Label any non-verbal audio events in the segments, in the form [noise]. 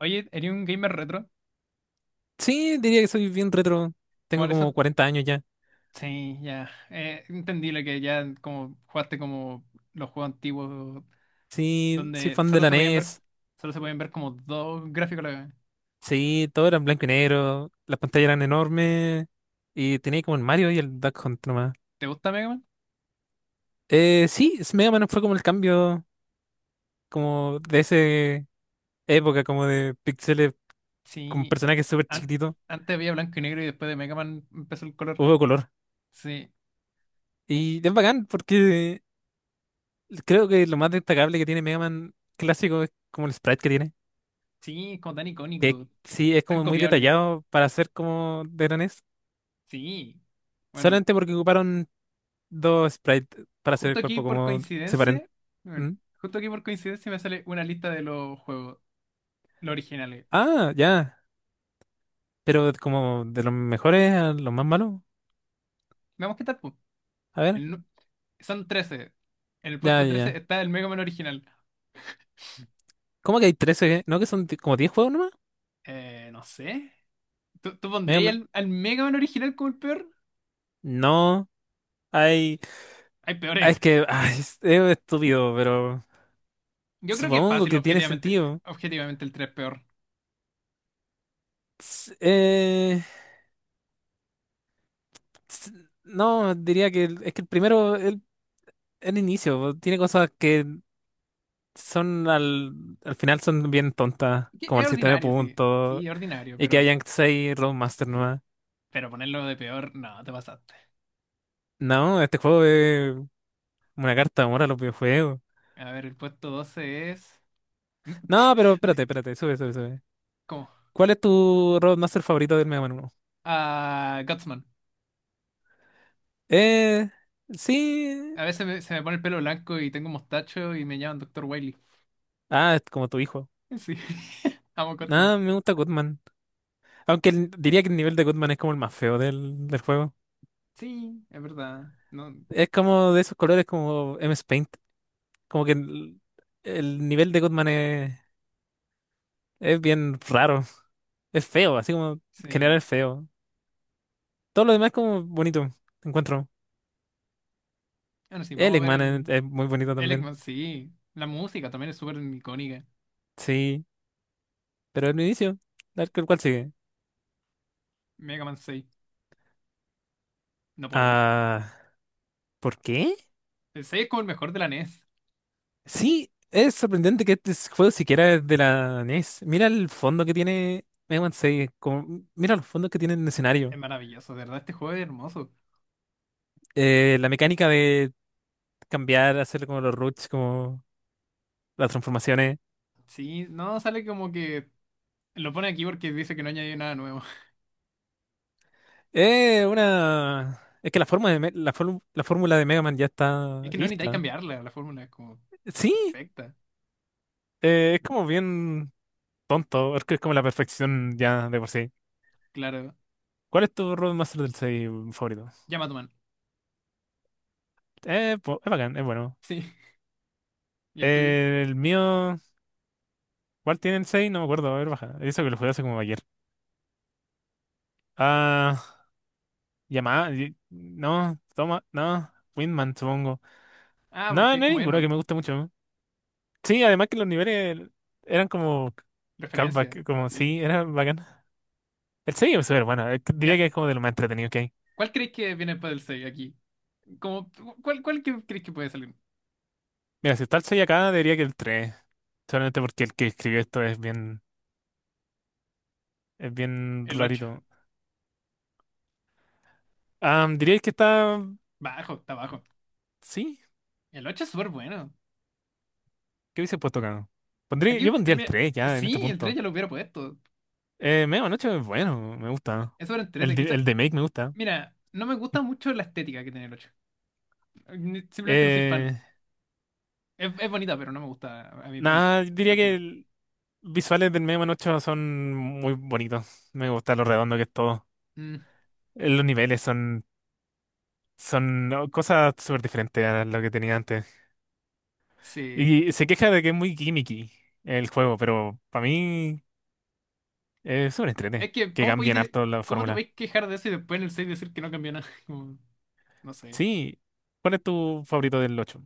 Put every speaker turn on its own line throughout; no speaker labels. Oye, ¿eres un gamer retro?
Sí, diría que soy bien retro.
¿Como
Tengo
eso?
como 40 años ya.
Sí, ya. Entendible que ya como jugaste como los juegos antiguos
Sí, soy
donde
fan de
solo
la
se podían ver,
NES.
solo se podían ver como dos gráficos a la vez.
Sí, todo era en blanco y negro. Las pantallas eran enormes. Y tenía como el Mario y el Duck Hunt nomás.
¿Te gusta Mega Man?
Sí. Mega Man fue como el cambio como de esa época, como de píxeles con
Sí.
personajes súper
An-
chiquititos.
Antes había blanco y negro y después de Mega Man empezó el color.
Hubo color.
Sí.
Y es bacán porque creo que lo más destacable que tiene Mega Man clásico es como el sprite que tiene.
Sí, es como tan
Que
icónico,
sí, es
tan
como muy
copiable.
detallado para ser como de la NES.
Sí. Bueno,
Solamente porque ocuparon dos sprites para hacer
justo
el
aquí
cuerpo
por
como separen.
coincidencia, bueno,
¿Mm?
justo aquí por coincidencia me sale una lista de los juegos, los originales.
Ah, ya. Pero como de los mejores a los más malos.
Veamos qué tal, pues.
A ver,
El nu- Son 13. En el
ya,
puesto
ya,
13
ya.
está el Mega Man original.
¿Cómo que hay 13? ¿Eh? ¿No que son como 10 juegos nomás?
No sé. ¿Tú
Medio
pondrías
men-
al Mega Man original como el peor?
No, hay.
Hay peores.
Es
[laughs]
que ay, es estúpido, pero
Yo creo que es
supongo
fácil,
que tiene
objetivamente.
sentido.
Objetivamente el 3 es peor.
S- eh, s- No, diría que es que el primero, el inicio, tiene cosas que son al final son bien tontas,
Que
como
es
el sistema de
ordinario, sí. Sí,
puntos
es ordinario,
y que hayan seis Roadmaster nuevas.
pero ponerlo de peor, no, te pasaste.
No, este juego es una carta de amor a los videojuegos.
A ver, el puesto 12 es... M-
No, pero espérate,
m-
espérate, sube, sube, sube.
¿Cómo?
¿Cuál es tu Roadmaster favorito del Mega Man 1?
Ah, Gutsman.
Eh, sí.
A veces se me pone el pelo blanco y tengo mostacho y me llaman doctor Wily.
Ah, es como tu hijo.
Sí. [laughs] Amo Gutsman.
Ah, me gusta Goodman. Aunque diría que el nivel de Goodman es como el más feo del juego.
Sí, es verdad. No,
Es como de esos colores como M S Paint. Como que el nivel de Goodman es bien raro. Es feo, así como general
sí.
es feo. Todo lo demás es como bonito, encuentro.
Bueno, sí,
El
vamos a ver
Eggman
el,
es muy bonito
el
también.
Eggman, sí. La música también es súper icónica.
Sí, pero el inicio, el cual sigue.
Mega Man seis no podía.
Ah, ¿por qué?
El 6 es como el mejor de la NES.
Sí, es sorprendente que este juego siquiera es de la NES. Mira el fondo que tiene Eggman 6, mira los fondos que tiene el escenario.
Es maravilloso, de verdad, este juego es hermoso.
La mecánica de cambiar, hacer como los roots, como las transformaciones.
Sí, no, sale como que lo pone aquí porque dice que no añadió nada nuevo. [laughs]
Es que la forma de, Me- la, form- la fórmula de Mega Man ya
Es
está
que no necesitáis
lista.
cambiarla, la fórmula es como
Sí.
perfecta.
Es como bien tonto, es que es como la perfección ya de por sí.
Claro,
¿Cuál es tu Road Master del 6 favorito?
llama a tu man.
Es bacán, es bueno.
Sí, [laughs] ¿y el tuyo?
El mío, ¿cuál tiene el seis? No me acuerdo, a ver, baja. Eso que lo jugué hace como ayer. Ah, Yamaha, no, toma, no, Windman, supongo.
Ah,
No,
porque es
no hay
como
ninguno que
Herman,
me guste mucho. Sí, además que los niveles eran como
referencia.
callback, como
Sí.
sí, era bacán. El 6 es súper bueno, diría
Ya,
que es como de lo más entretenido que hay.
¿cuál crees que viene después del 6 aquí? Como, ¿cuál que crees que puede salir?
Mira, si está el 6 acá, diría que el tres. Solamente porque el que escribió esto es bien
El ocho.
rarito. Ah, diríais que está.
Bajo, está bajo.
Sí,
El 8 es súper bueno.
¿qué hubiese puesto acá?
Aquí,
Yo pondría el
mira,
3 ya en este
sí, el 3
punto.
ya lo hubiera puesto.
Media Noche es bueno, me gusta.
Es sobre el 3 quizás.
El de Make me gusta.
Mira, no me gusta mucho la estética que tiene el 8. Simplemente no soy fan.
Eh,
es bonita, pero no me gusta a mí en
Nada, diría que
personal.
visuales del Media Noche son muy bonitos. Me gusta lo redondo que es todo.
Mm,
Los niveles son oh, cosas súper diferentes a lo que tenía antes.
sí.
Y se queja de que es muy gimmicky el juego, pero para mí. Es súper entrete.
Es que,
Que cambian harto la
cómo te
fórmula.
podéis quejar de eso y después en el 6 decir que no cambió nada? [laughs] Como, no sé.
Sí. ¿Cuál es tu favorito del ocho?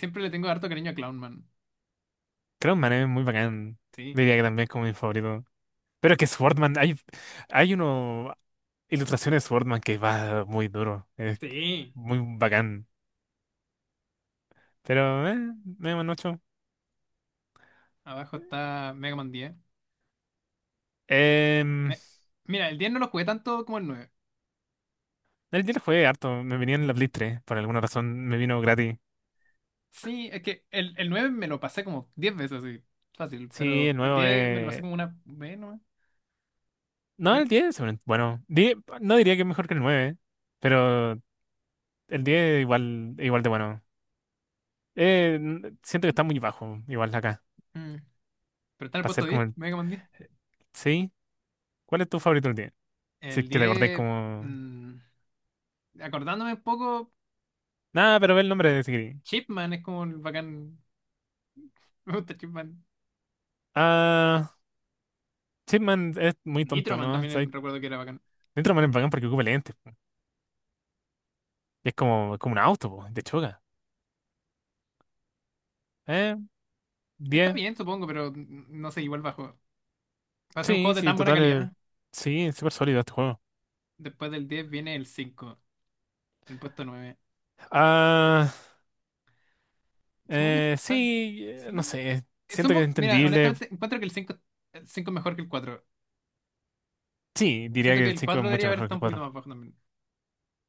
Siempre le tengo harto cariño a Clownman.
Creo Man es muy bacán.
Sí.
Diría que también es como mi favorito. Pero es que Swordman, hay uno ilustraciones de Swordman que va muy duro. Es
Sí.
muy bacán. Pero, me un
Abajo está Mega Man 10.
Em,
Me- Mira, el 10 no lo jugué tanto como el...
el día lo jugué harto. Me venía en la Play 3. Por alguna razón me vino gratis.
Sí, es que el 9 me lo pasé como 10 veces así, fácil,
Sí,
pero
el
el
nuevo
10 me lo pasé
es.
como una vez nomás,
No,
creo.
el 10 bueno, no diría que es mejor que el 9 pero el 10 igual de bueno. Siento que está muy bajo, igual acá.
Mm, pero está en el
Para
puesto
ser como
10
el.
Mega Man 10.
¿Sí? ¿Cuál es tu favorito del día? Si
El
es que te acordé
diez,
como.
mm, acordándome un poco,
Nada, pero ve el nombre de Sigrid.
Chipman es como el bacán, [laughs] me gusta Chipman.
Ah, Chipman es muy tonto,
Nitroman
¿no? O
también recuerdo que era bacán.
dentro man es bacán porque ocupa lentes, po. Y es como un auto, po, de choca. Eh,
Está
10.
bien, supongo, pero no sé, igual bajo. Para ser un
Sí,
juego de
sí,
tan buena
total.
calidad,
Sí, es súper sólido este juego.
después del 10 viene el cinco, el puesto nueve.
Ah,
Supongo que está...
sí, no
Sí.
sé.
Es un
Siento que
poco...
es
Mira,
entendible.
honestamente, encuentro que el cinco, el 5 es mejor que el cuatro.
Sí, diría
Siento
que
que
el
el
5 es
4 debería
mucho
haber
mejor que
estado
el
un poquito
cuatro.
más bajo también.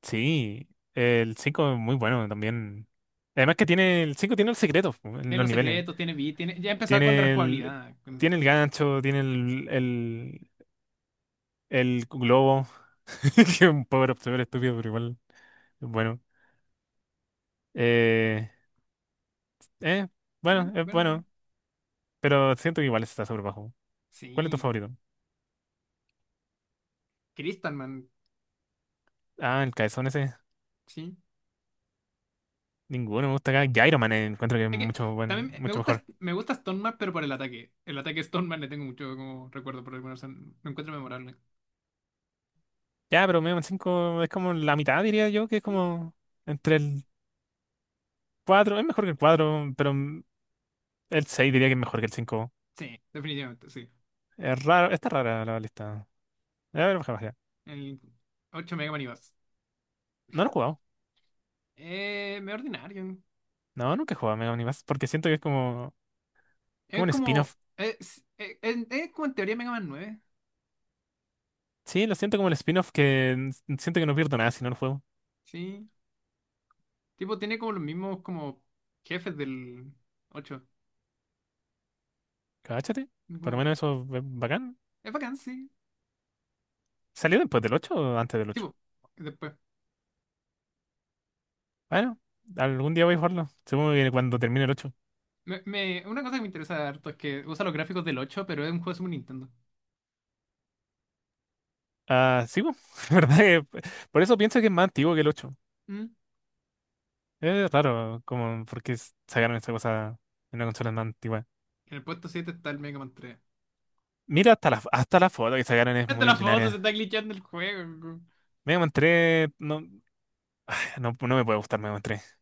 Sí, el 5 es muy bueno también. Además que tiene el 5 tiene los secretos po, en
Tiene
los
los
niveles.
secretos, tiene beat, tiene... Ya empezaba con la
Tiene el
rejugabilidad.
Tiene el gancho, tiene el globo, [laughs] que es un power up súper estúpido, pero igual es bueno. Eh, eh, bueno,
Sí,
es
bueno,
bueno, pero siento que igual está súper bajo. ¿Cuál es tu
sí.
favorito?
Crystalman,
Ah, el caezón ese.
sí.
Ninguno me gusta acá. Gyro Man, encuentro que es
Es que también
mucho mejor.
me gusta Stoneman, pero por el ataque. El ataque de Stoneman le tengo mucho como recuerdo por alguna razón. Lo encuentro memorable.
Ya, pero Mega Man 5 es como la mitad, diría yo, que es como entre el 4 es mejor que el cuatro. Pero el 6 diría que es mejor que el cinco.
Sí, definitivamente, sí.
Es raro, está rara la lista. A ver, bajé, bajé.
El 8 Mega Man y más.
No lo he jugado.
Medio ordinario.
No, nunca he jugado a Mega Man X, porque siento que es como
Es
un spin-off.
como. Es como en teoría Mega Man nueve.
Sí, lo siento como el spin-off siento que no pierdo nada si no lo juego.
Sí. Tipo, tiene como los mismos como jefes del ocho.
Cáchate. Por lo menos eso es bacán.
Es bacán, sí.
¿Salió después del ocho o antes del ocho?
Tipo, después.
Bueno, algún día voy a jugarlo. Supongo que cuando termine el ocho.
Una cosa que me interesa harto es que usa los gráficos del 8 pero es un juego de Super Nintendo.
Ah, sí, po. [laughs] La verdad que por eso pienso que es más antiguo que el ocho.
Mm.
Es raro, como, porque sacaron esa cosa en una consola más antigua.
En el puesto 7 está el Mega Man 3.
Mira, hasta la foto que sacaron es
Es de
muy
las fotos, se está
ordinaria.
glitchando el juego.
Mega Man 3 no, no, no me puede gustar Mega Man 3.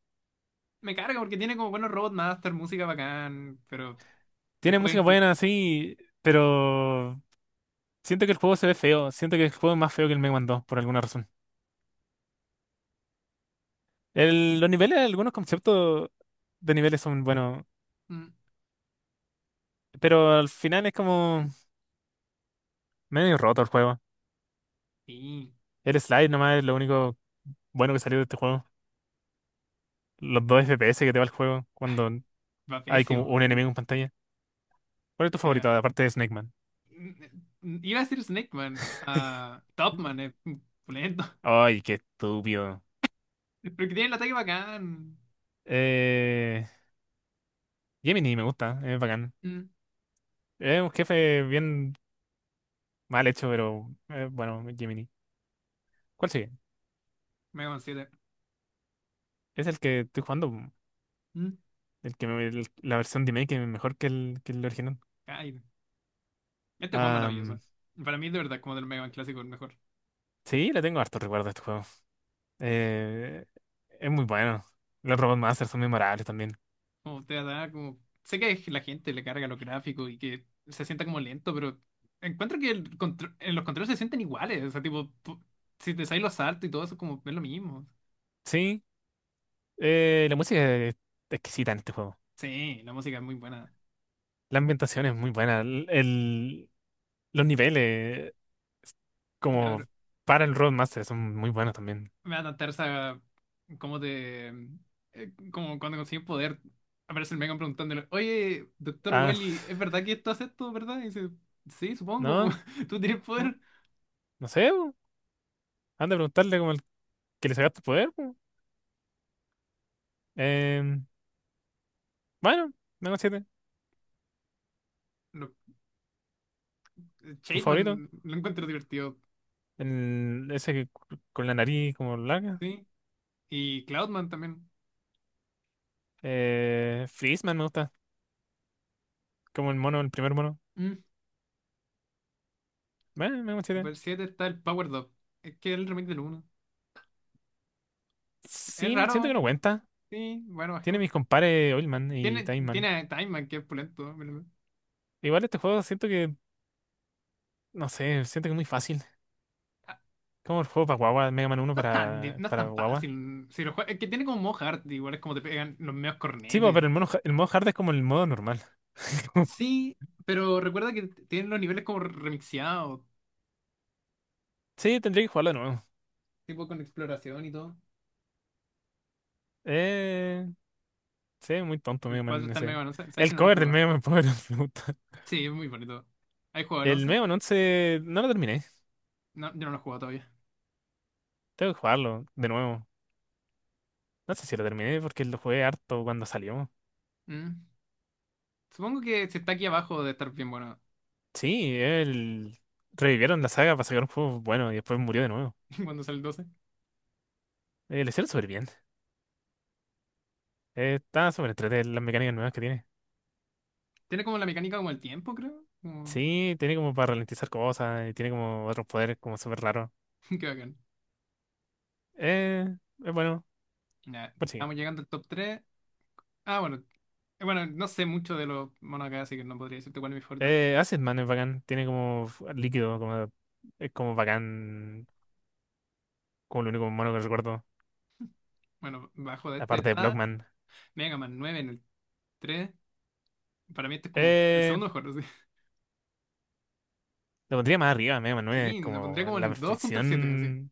Me carga porque tiene como buenos Robot Master, música bacán, pero el
Tiene
juego es
música
injusto.
buena, sí, pero siento que el juego se ve feo. Siento que el juego es más feo que el Mega Man 2 por alguna razón. Los niveles, algunos conceptos de niveles son buenos, pero al final es como medio roto el juego.
Sí,
El slide nomás es lo único bueno que salió de este juego. Los 2 FPS que te va el juego cuando
va
hay como
pésimo.
un
Sí.
enemigo en pantalla. ¿Cuál es tu
Eh,
favorito, aparte de Snake Man?
Iba a decir Snake Man. Ah, Top Man es lento.
Ay, qué estúpido.
[laughs] Pero que tiene el ataque bacán.
Eh, Gemini me gusta, es bacán.
Mm.
Es un jefe bien mal hecho, pero, bueno, Gemini. ¿Cuál sigue?
Mega Man 7.
Es el que estoy jugando,
Mm.
el que la versión de que es mejor que el original.
Ay. Este juego es
Ah,
maravilloso. Para mí, de verdad, como del Mega Man clásico, el mejor.
sí, le tengo harto recuerdo a este juego. Eh, es muy bueno. Los Robot Masters son memorables también.
Como te da, como. Sé que la gente le carga los gráficos y que se sienta como lento, pero encuentro que el en los controles se sienten iguales. O sea, tipo, si te salen los saltos y todo eso, como es lo mismo.
Sí, la música es exquisita en este juego.
Sí, la música es muy buena.
La ambientación es muy buena. Los niveles,
La ver-
como para el Robot Master, son muy buenos también.
Me da tanta esa como te. Como cuando conseguí un poder, aparece el Mega Man preguntándole: "Oye, doctor
Ah, [laughs]
Wily, ¿es verdad que esto hace esto, verdad?" Y dice: "Sí, supongo".
no,
[laughs] Tú tienes
no,
poder.
no sé, bo. Han de preguntarle como que le sacaste el poder, po. Eh, bueno, menos 7. Tu favorito.
Shademan lo encuentro divertido,
Ese que con la nariz como larga.
¿sí? Y Cloudman también.
Freezeman me gusta. Como el mono, el primer mono.
Mm.
Bueno, menos 7.
Después del 7 está el Power Dog. Es que es el remake del uno, es
Sin, Siento
raro,
que no cuenta.
sí. Bueno, bajé
Tiene
uno.
mis compares Oilman y
Tiene,
Time
tiene
Man.
a Time Man, que es pulento.
Igual este juego siento que, no sé, siento que es muy fácil.
Ah,
Como el juego para guagua, Mega Man uno
no es tan, no es
para
tan
guagua.
fácil. Si es que tiene como modo hard, igual es como te pegan los medios
Sí, po,
cornetes.
pero el modo hard es como el modo normal. [laughs] Como-
Sí, pero recuerda que tienen los niveles como remixeados,
Sí, tendría que jugarlo de nuevo.
tipo con exploración y todo.
Eh, Sí, muy tonto
El
Mega
4
Man
está en Mega
ese.
Man 11. ¿Sabes que
El
no lo he
cover del
jugado?
Mega Man Power Up me gusta.
Sí, es muy bonito. ¿Has
[laughs]
jugado el
El
11?
Mega Man 11 no lo terminé.
No, yo no lo he jugado todavía.
Tengo que jugarlo de nuevo. No sé si lo terminé porque lo jugué harto cuando salió.
Mm. Supongo que si está aquí abajo de estar bien bueno
Sí, él revivieron la saga para sacar un juego bueno y después murió de nuevo.
[laughs] cuando sale el 12.
Lo hicieron súper bien. Está súper entretenido las mecánicas nuevas que tiene.
Tiene como la mecánica como el tiempo, creo. Como...
Sí, tiene como para ralentizar cosas y tiene como otros poderes como súper raros.
[laughs] Qué bacán.
Eh, es bueno,
Ya,
pues sí.
estamos llegando al top 3. Ah, bueno. Bueno, no sé mucho de los monos acá, así que no podría decirte cuál es mi favorito.
Acid Man es bacán. Tiene como líquido, como. Es como bacán. Como lo único humano que recuerdo.
Bueno, bajo de este
Aparte de
está
Blockman.
Mega Man nueve en el 3. Para mí este es como el
Eh,
segundo mejor, así.
lo pondría más arriba, Mega Man
[laughs]
9.
Sí, lo pondría
Como
como en
la
el 2 junto al 7, así.
perfección.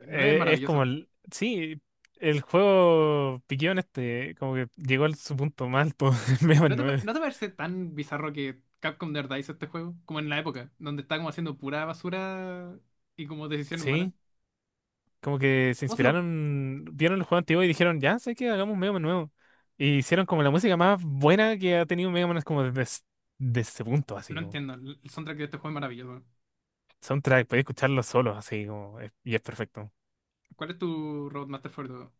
9 es
Es como,
maravilloso.
sí, el juego Piquión este. Como que llegó a su punto más alto [laughs] en Mega
¿No
Man
te,
9.
no te parece tan bizarro que Capcom de verdad hizo este juego? Como en la época, donde está como haciendo pura basura y como decisiones malas.
Sí. Como que se
¿Cómo se le...
inspiraron. Vieron el juego antiguo y dijeron, ya sé que hagamos un Mega Man nuevo. Y hicieron como la música más buena que ha tenido Mega Man. Es como desde ese punto, así
No
como.
entiendo, el soundtrack de este juego es maravilloso.
Soundtrack, podéis escucharlo solo, así como. Y es perfecto.
¿Cuál es tu Roadmaster favorito?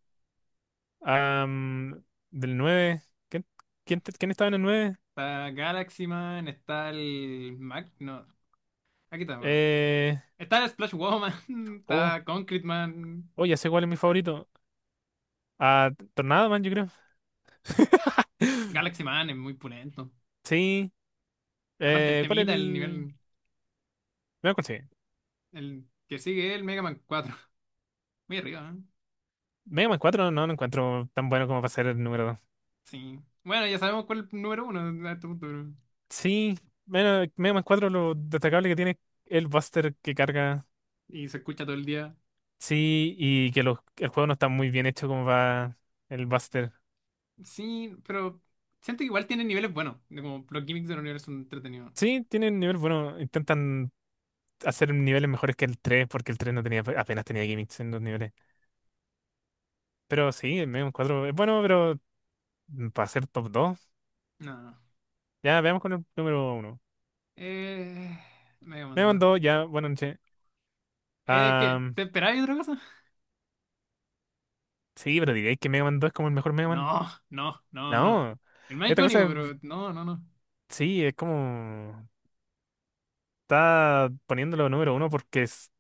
Am, Del nueve. ¿Quién, Quién estaba en el nueve?
Está Galaxy Man, está el Mac, no, aquí está, bueno.
Eh,
Está el Splash Woman, [laughs]
oh,
está Concrete Man,
oh, ya sé cuál es mi
aquí-
favorito. Ah, Tornado Man, yo creo. [laughs]
Galaxy Man es muy punento.
Sí.
Aparte el
¿Cuál es
temita, el
el...?
nivel,
Mega Man, sí.
el que sigue es el Mega Man cuatro. [laughs] Muy arriba, ¿eh?
Mega Man cuatro no lo encuentro tan bueno como para ser el número dos.
Sí. Bueno, ya sabemos cuál es el número uno a este punto, ¿no?
Sí. Bueno, Mega Man 4 lo destacable que tiene es el Buster que carga.
Y se escucha todo el día.
Sí, y que el juego no está muy bien hecho como va el Buster.
Sí, pero siento que igual tiene niveles buenos, de como los gimmicks del universo son entretenidos.
Sí, tiene un nivel bueno. Intentan hacer niveles mejores que el 3 porque el 3 no tenía, apenas tenía gimmicks en los niveles. Pero sí, el Megon 4 es bueno, pero para ser top 2
No, no.
ya veamos con el número uno.
Eh... Mega
Mega Man
Man.
2, ya, buena noche.
¿Qué?
Am,
¿Te esperabas otra cosa?
sí, pero diréis que Mega Man 2 es como el mejor Mega Man.
No, no, no, no.
No,
El más
esta cosa
icónico, pero no, no, no.
sí, es como está poniéndolo número uno porque es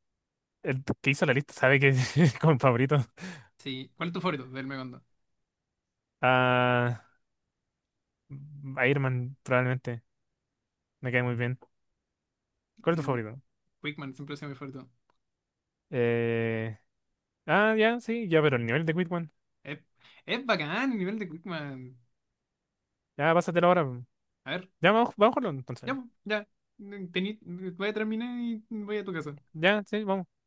el que hizo la lista sabe que [laughs] es como favorito.
Sí, ¿cuál es tu favorito del Megondo?
Ah, Iron Man probablemente, me cae muy bien. ¿Cuál es tu
Mm,
favorito?
Quickman siempre ha sido mi favorito.
Eh, ah, ya, sí, ya, pero el nivel de Quick.
Es, es bacán el nivel de Quickman.
Ya, pásatelo ahora.
A ver,
Ya, vamos, vamos a jugarlo entonces.
ya, po, ya. Tení- Voy a terminar y voy a tu casa.
Ya, sí, vamos.